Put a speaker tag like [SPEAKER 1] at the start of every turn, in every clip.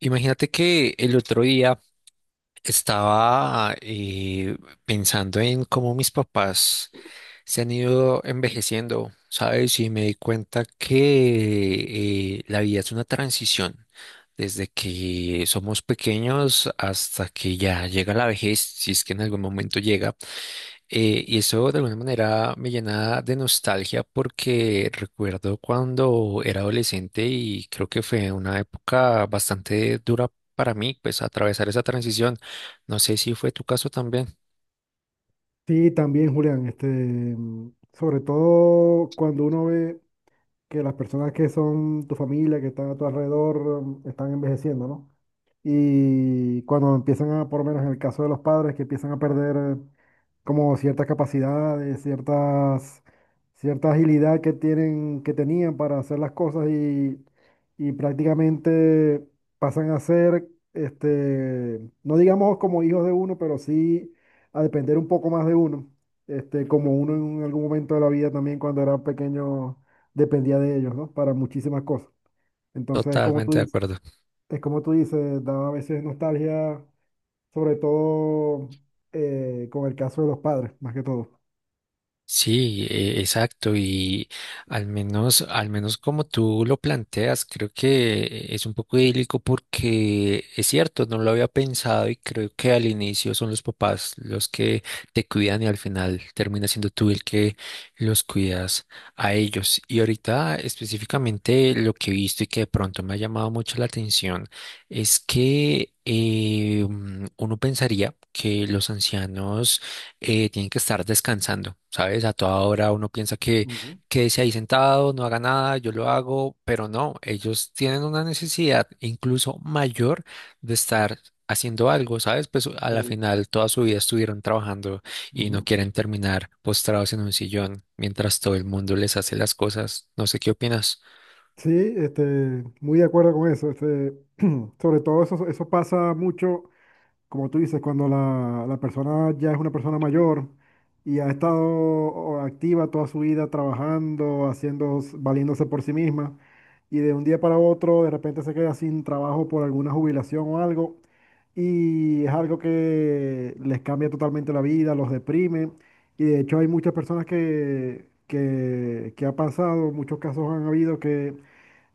[SPEAKER 1] Imagínate que el otro día estaba pensando en cómo mis papás se han ido envejeciendo, ¿sabes? Y me di cuenta que la vida es una transición, desde que somos pequeños hasta que ya llega la vejez, si es que en algún momento llega. Y eso de alguna manera me llena de nostalgia porque recuerdo cuando era adolescente y creo que fue una época bastante dura para mí, pues atravesar esa transición. No sé si fue tu caso también.
[SPEAKER 2] Sí, también, Julián, sobre todo cuando uno ve que las personas que son tu familia, que están a tu alrededor, están envejeciendo, ¿no? Y cuando empiezan a, por lo menos en el caso de los padres, que empiezan a perder como ciertas capacidades, ciertas, cierta agilidad que tienen, que tenían para hacer las cosas y prácticamente pasan a ser, no digamos como hijos de uno, pero sí a depender un poco más de uno, este, como uno en algún momento de la vida también cuando era pequeño dependía de ellos, ¿no? Para muchísimas cosas. Entonces, como tú
[SPEAKER 1] Totalmente de
[SPEAKER 2] dices,
[SPEAKER 1] acuerdo.
[SPEAKER 2] es como tú dices, da a veces nostalgia, sobre todo con el caso de los padres, más que todo.
[SPEAKER 1] Sí, exacto. Y al menos como tú lo planteas, creo que es un poco idílico porque es cierto, no lo había pensado y creo que al inicio son los papás los que te cuidan y al final termina siendo tú el que los cuidas a ellos. Y ahorita específicamente lo que he visto y que de pronto me ha llamado mucho la atención es que uno pensaría que los ancianos tienen que estar descansando, ¿sabes? A toda hora uno piensa que
[SPEAKER 2] Ujú.
[SPEAKER 1] quédese ahí sentado, no haga nada, yo lo hago, pero no, ellos tienen una necesidad incluso mayor de estar haciendo algo, ¿sabes? Pues a la
[SPEAKER 2] Sí,
[SPEAKER 1] final toda su vida estuvieron trabajando y no
[SPEAKER 2] ujú.
[SPEAKER 1] quieren terminar postrados en un sillón mientras todo el mundo les hace las cosas. No sé qué opinas.
[SPEAKER 2] Sí, este, muy de acuerdo con eso. Este, sobre todo eso, eso pasa mucho como tú dices, cuando la persona ya es una persona mayor y ha estado o activa toda su vida trabajando, haciendo, valiéndose por sí misma, y de un día para otro de repente se queda sin trabajo por alguna jubilación o algo, y es algo que les cambia totalmente la vida, los deprime, y de hecho hay muchas personas que ha pasado, muchos casos han habido que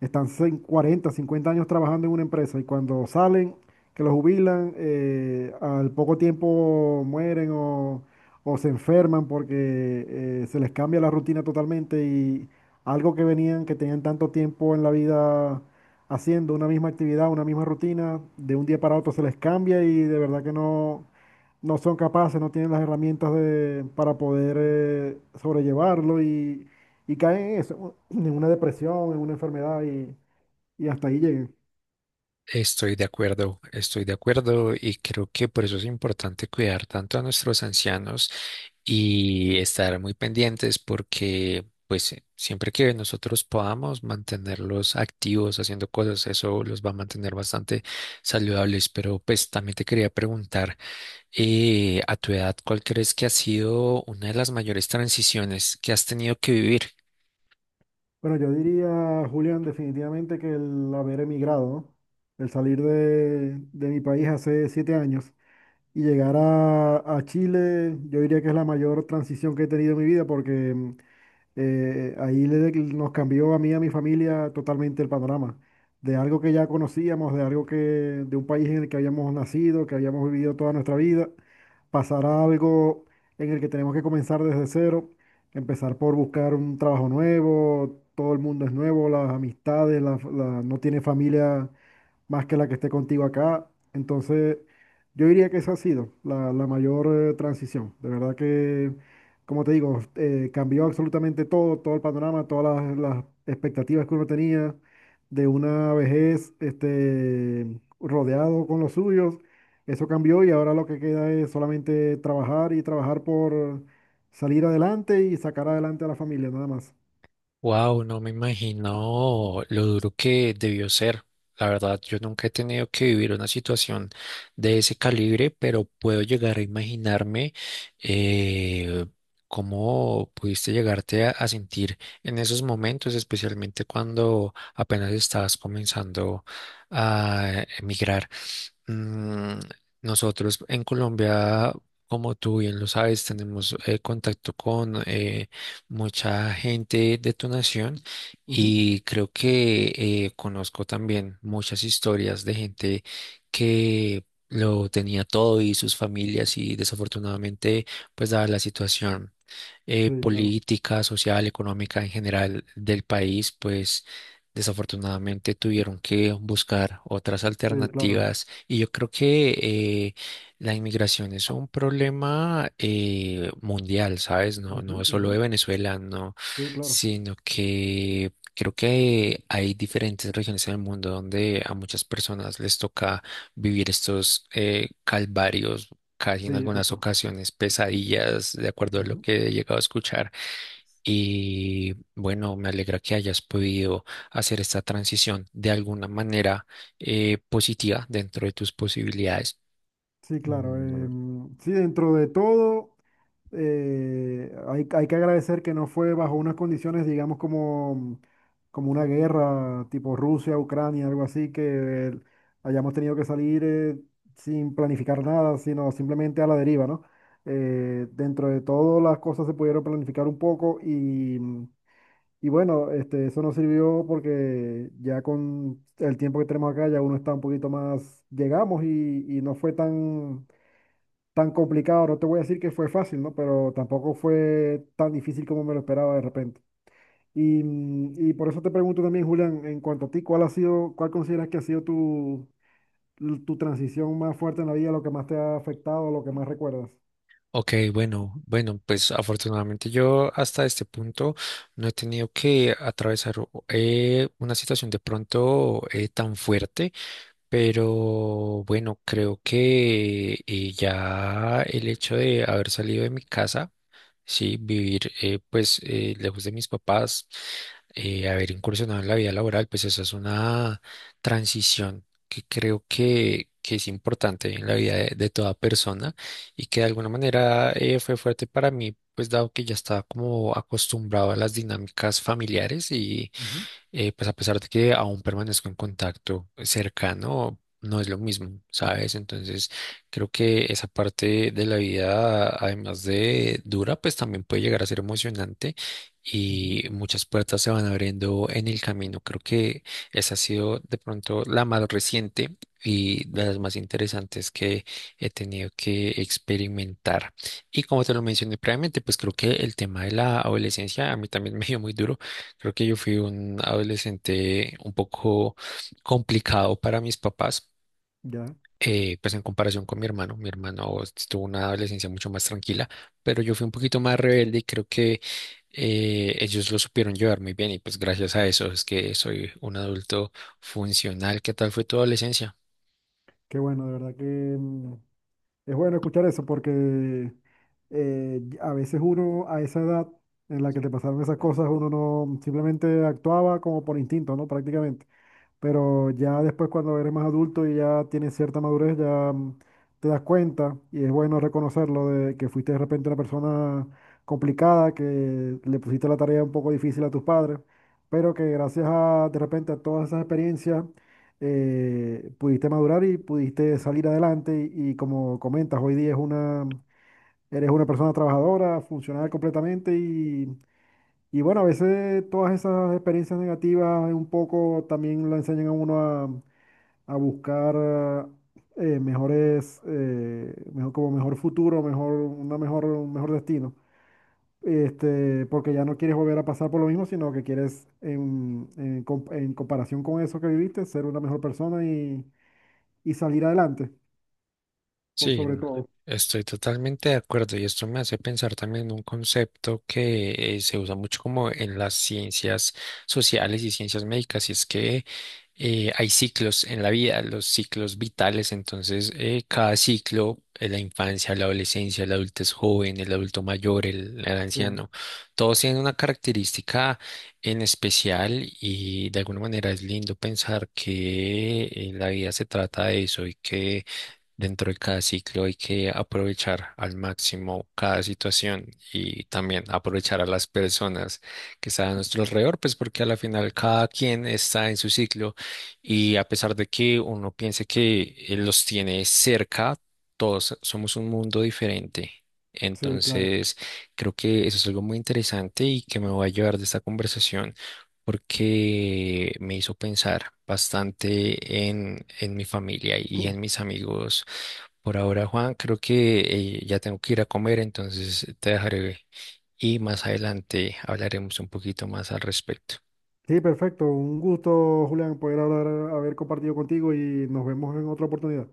[SPEAKER 2] están 40, 50 años trabajando en una empresa y cuando salen que los jubilan, al poco tiempo mueren o se enferman porque se les cambia la rutina totalmente y algo que venían, que tenían tanto tiempo en la vida haciendo una misma actividad, una misma rutina, de un día para otro se les cambia y de verdad que no, no son capaces, no tienen las herramientas de, para poder sobrellevarlo y caen en eso, en una depresión, en una enfermedad y hasta ahí lleguen.
[SPEAKER 1] Estoy de acuerdo y creo que por eso es importante cuidar tanto a nuestros ancianos y estar muy pendientes porque pues siempre que nosotros podamos mantenerlos activos haciendo cosas, eso los va a mantener bastante saludables. Pero pues también te quería preguntar, a tu edad, ¿cuál crees que ha sido una de las mayores transiciones que has tenido que vivir?
[SPEAKER 2] Bueno, yo diría, Julián, definitivamente que el haber emigrado, ¿no? El salir de mi país hace 7 años y llegar a Chile, yo diría que es la mayor transición que he tenido en mi vida porque ahí nos cambió a mí y a mi familia totalmente el panorama. De algo que ya conocíamos, de algo que, de un país en el que habíamos nacido, que habíamos vivido toda nuestra vida, pasar a algo en el que tenemos que comenzar desde cero, empezar por buscar un trabajo nuevo, todo el mundo es nuevo, las amistades, no tiene familia más que la que esté contigo acá. Entonces, yo diría que esa ha sido la mayor transición. De verdad que, como te digo, cambió absolutamente todo, todo el panorama, todas las expectativas que uno tenía de una vejez, este, rodeado con los suyos. Eso cambió y ahora lo que queda es solamente trabajar y trabajar por salir adelante y sacar adelante a la familia, nada más.
[SPEAKER 1] Wow, no me imagino lo duro que debió ser. La verdad, yo nunca he tenido que vivir una situación de ese calibre, pero puedo llegar a imaginarme eh, cómo pudiste llegarte a sentir en esos momentos, especialmente cuando apenas estabas comenzando a emigrar. Mm, nosotros en Colombia, como tú bien lo sabes, tenemos contacto con mucha gente de tu nación
[SPEAKER 2] Ujú.
[SPEAKER 1] y creo que conozco también muchas historias de gente que lo tenía todo y sus familias y desafortunadamente, pues dada la situación
[SPEAKER 2] Sí, claro.
[SPEAKER 1] política, social, económica en general del país, pues desafortunadamente tuvieron que buscar otras
[SPEAKER 2] Sí, claro.
[SPEAKER 1] alternativas y yo creo que la inmigración es un problema mundial, ¿sabes? No, no
[SPEAKER 2] Ujú,
[SPEAKER 1] es solo de
[SPEAKER 2] ujú.
[SPEAKER 1] Venezuela, no,
[SPEAKER 2] Sí, claro.
[SPEAKER 1] sino que creo que hay diferentes regiones en el mundo donde a muchas personas les toca vivir estos calvarios, casi en
[SPEAKER 2] Sí,
[SPEAKER 1] algunas
[SPEAKER 2] total.
[SPEAKER 1] ocasiones pesadillas, de acuerdo a lo
[SPEAKER 2] Ujú.
[SPEAKER 1] que he llegado a escuchar. Y bueno, me alegra que hayas podido hacer esta transición de alguna manera positiva dentro de tus posibilidades.
[SPEAKER 2] Sí, claro.
[SPEAKER 1] Mm,
[SPEAKER 2] Sí, dentro de todo, hay que agradecer que no fue bajo unas condiciones, digamos, como como una guerra tipo Rusia, Ucrania, algo así, que hayamos tenido que salir, sin planificar nada, sino simplemente a la deriva, ¿no? Dentro de todo, las cosas se pudieron planificar un poco. Y bueno, este, eso nos sirvió porque ya con el tiempo que tenemos acá, ya uno está un poquito más, llegamos y no fue tan, tan complicado. No te voy a decir que fue fácil, ¿no? Pero tampoco fue tan difícil como me lo esperaba de repente. Y y por eso te pregunto también, Julián, en cuanto a ti, ¿cuál ha sido, cuál consideras que ha sido tu, tu transición más fuerte en la vida, lo que más te ha afectado, lo que más recuerdas?
[SPEAKER 1] ok, bueno, bueno, pues afortunadamente yo hasta este punto no he tenido que atravesar una situación de pronto tan fuerte, pero bueno, creo que ya el hecho de haber salido de mi casa. Sí, vivir pues lejos de mis papás, haber incursionado en la vida laboral, pues esa es una transición que creo que es importante en la vida de toda persona y que de alguna manera fue fuerte para mí, pues dado que ya estaba como acostumbrado a las dinámicas familiares,
[SPEAKER 2] Ujú,
[SPEAKER 1] pues a pesar de que aún permanezco en contacto cercano, no es lo mismo, ¿sabes? Entonces, creo que esa parte de la vida, además de dura, pues también puede llegar a ser emocionante
[SPEAKER 2] ujú.
[SPEAKER 1] y muchas puertas se van abriendo en el camino. Creo que esa ha sido de pronto la más reciente y de las más interesantes que he tenido que experimentar. Y como te lo mencioné previamente, pues creo que el tema de la adolescencia a mí también me dio muy duro. Creo que yo fui un adolescente un poco complicado para mis papás,
[SPEAKER 2] Ya,
[SPEAKER 1] pues en comparación con mi hermano. Mi hermano tuvo una adolescencia mucho más tranquila, pero yo fui un poquito más rebelde y creo que ellos lo supieron llevar muy bien y pues gracias a eso es que soy un adulto funcional. ¿Qué tal fue tu adolescencia?
[SPEAKER 2] qué bueno, de verdad que... mm, es bueno escuchar eso porque, a veces uno a esa edad en la que te pasaron esas cosas, uno no simplemente actuaba como por instinto, ¿no? Prácticamente. Pero ya después cuando eres más adulto y ya tienes cierta madurez, ya, te das cuenta y es bueno reconocerlo de que fuiste de repente una persona complicada, que le pusiste la tarea un poco difícil a tus padres, pero que gracias a de repente a todas esas experiencias, pudiste madurar y pudiste salir adelante y como comentas, hoy día es una, eres una persona trabajadora, funcional completamente. Y bueno, a veces todas esas experiencias negativas un poco también lo enseñan a uno a buscar mejor futuro, un mejor destino. Este, porque ya no quieres volver a pasar por lo mismo, sino que quieres, en comparación con eso que viviste, ser una mejor persona y salir adelante por
[SPEAKER 1] Sí,
[SPEAKER 2] sobre
[SPEAKER 1] no,
[SPEAKER 2] todo.
[SPEAKER 1] estoy totalmente de acuerdo y esto me hace pensar también en un concepto que se usa mucho como en las ciencias sociales y ciencias médicas y es que hay ciclos en la vida, los ciclos vitales, entonces cada ciclo, la infancia, la adolescencia, el adultez joven, el adulto mayor, el
[SPEAKER 2] Sí,
[SPEAKER 1] anciano, todos tienen una característica en especial y de alguna manera es lindo pensar que la vida se trata de eso y que dentro de cada ciclo hay que aprovechar al máximo cada situación y también aprovechar a las personas que están a nuestro alrededor, pues porque a la final cada quien está en su ciclo y a pesar de que uno piense que los tiene cerca, todos somos un mundo diferente.
[SPEAKER 2] sí, claro.
[SPEAKER 1] Entonces, creo que eso es algo muy interesante y que me voy a llevar de esta conversación porque me hizo pensar bastante en mi familia y en mis amigos. Por ahora, Juan, creo que ya tengo que ir a comer, entonces te dejaré y más adelante hablaremos un poquito más al respecto.
[SPEAKER 2] Sí, perfecto. Un gusto, Julián, poder hablar, haber compartido contigo y nos vemos en otra oportunidad.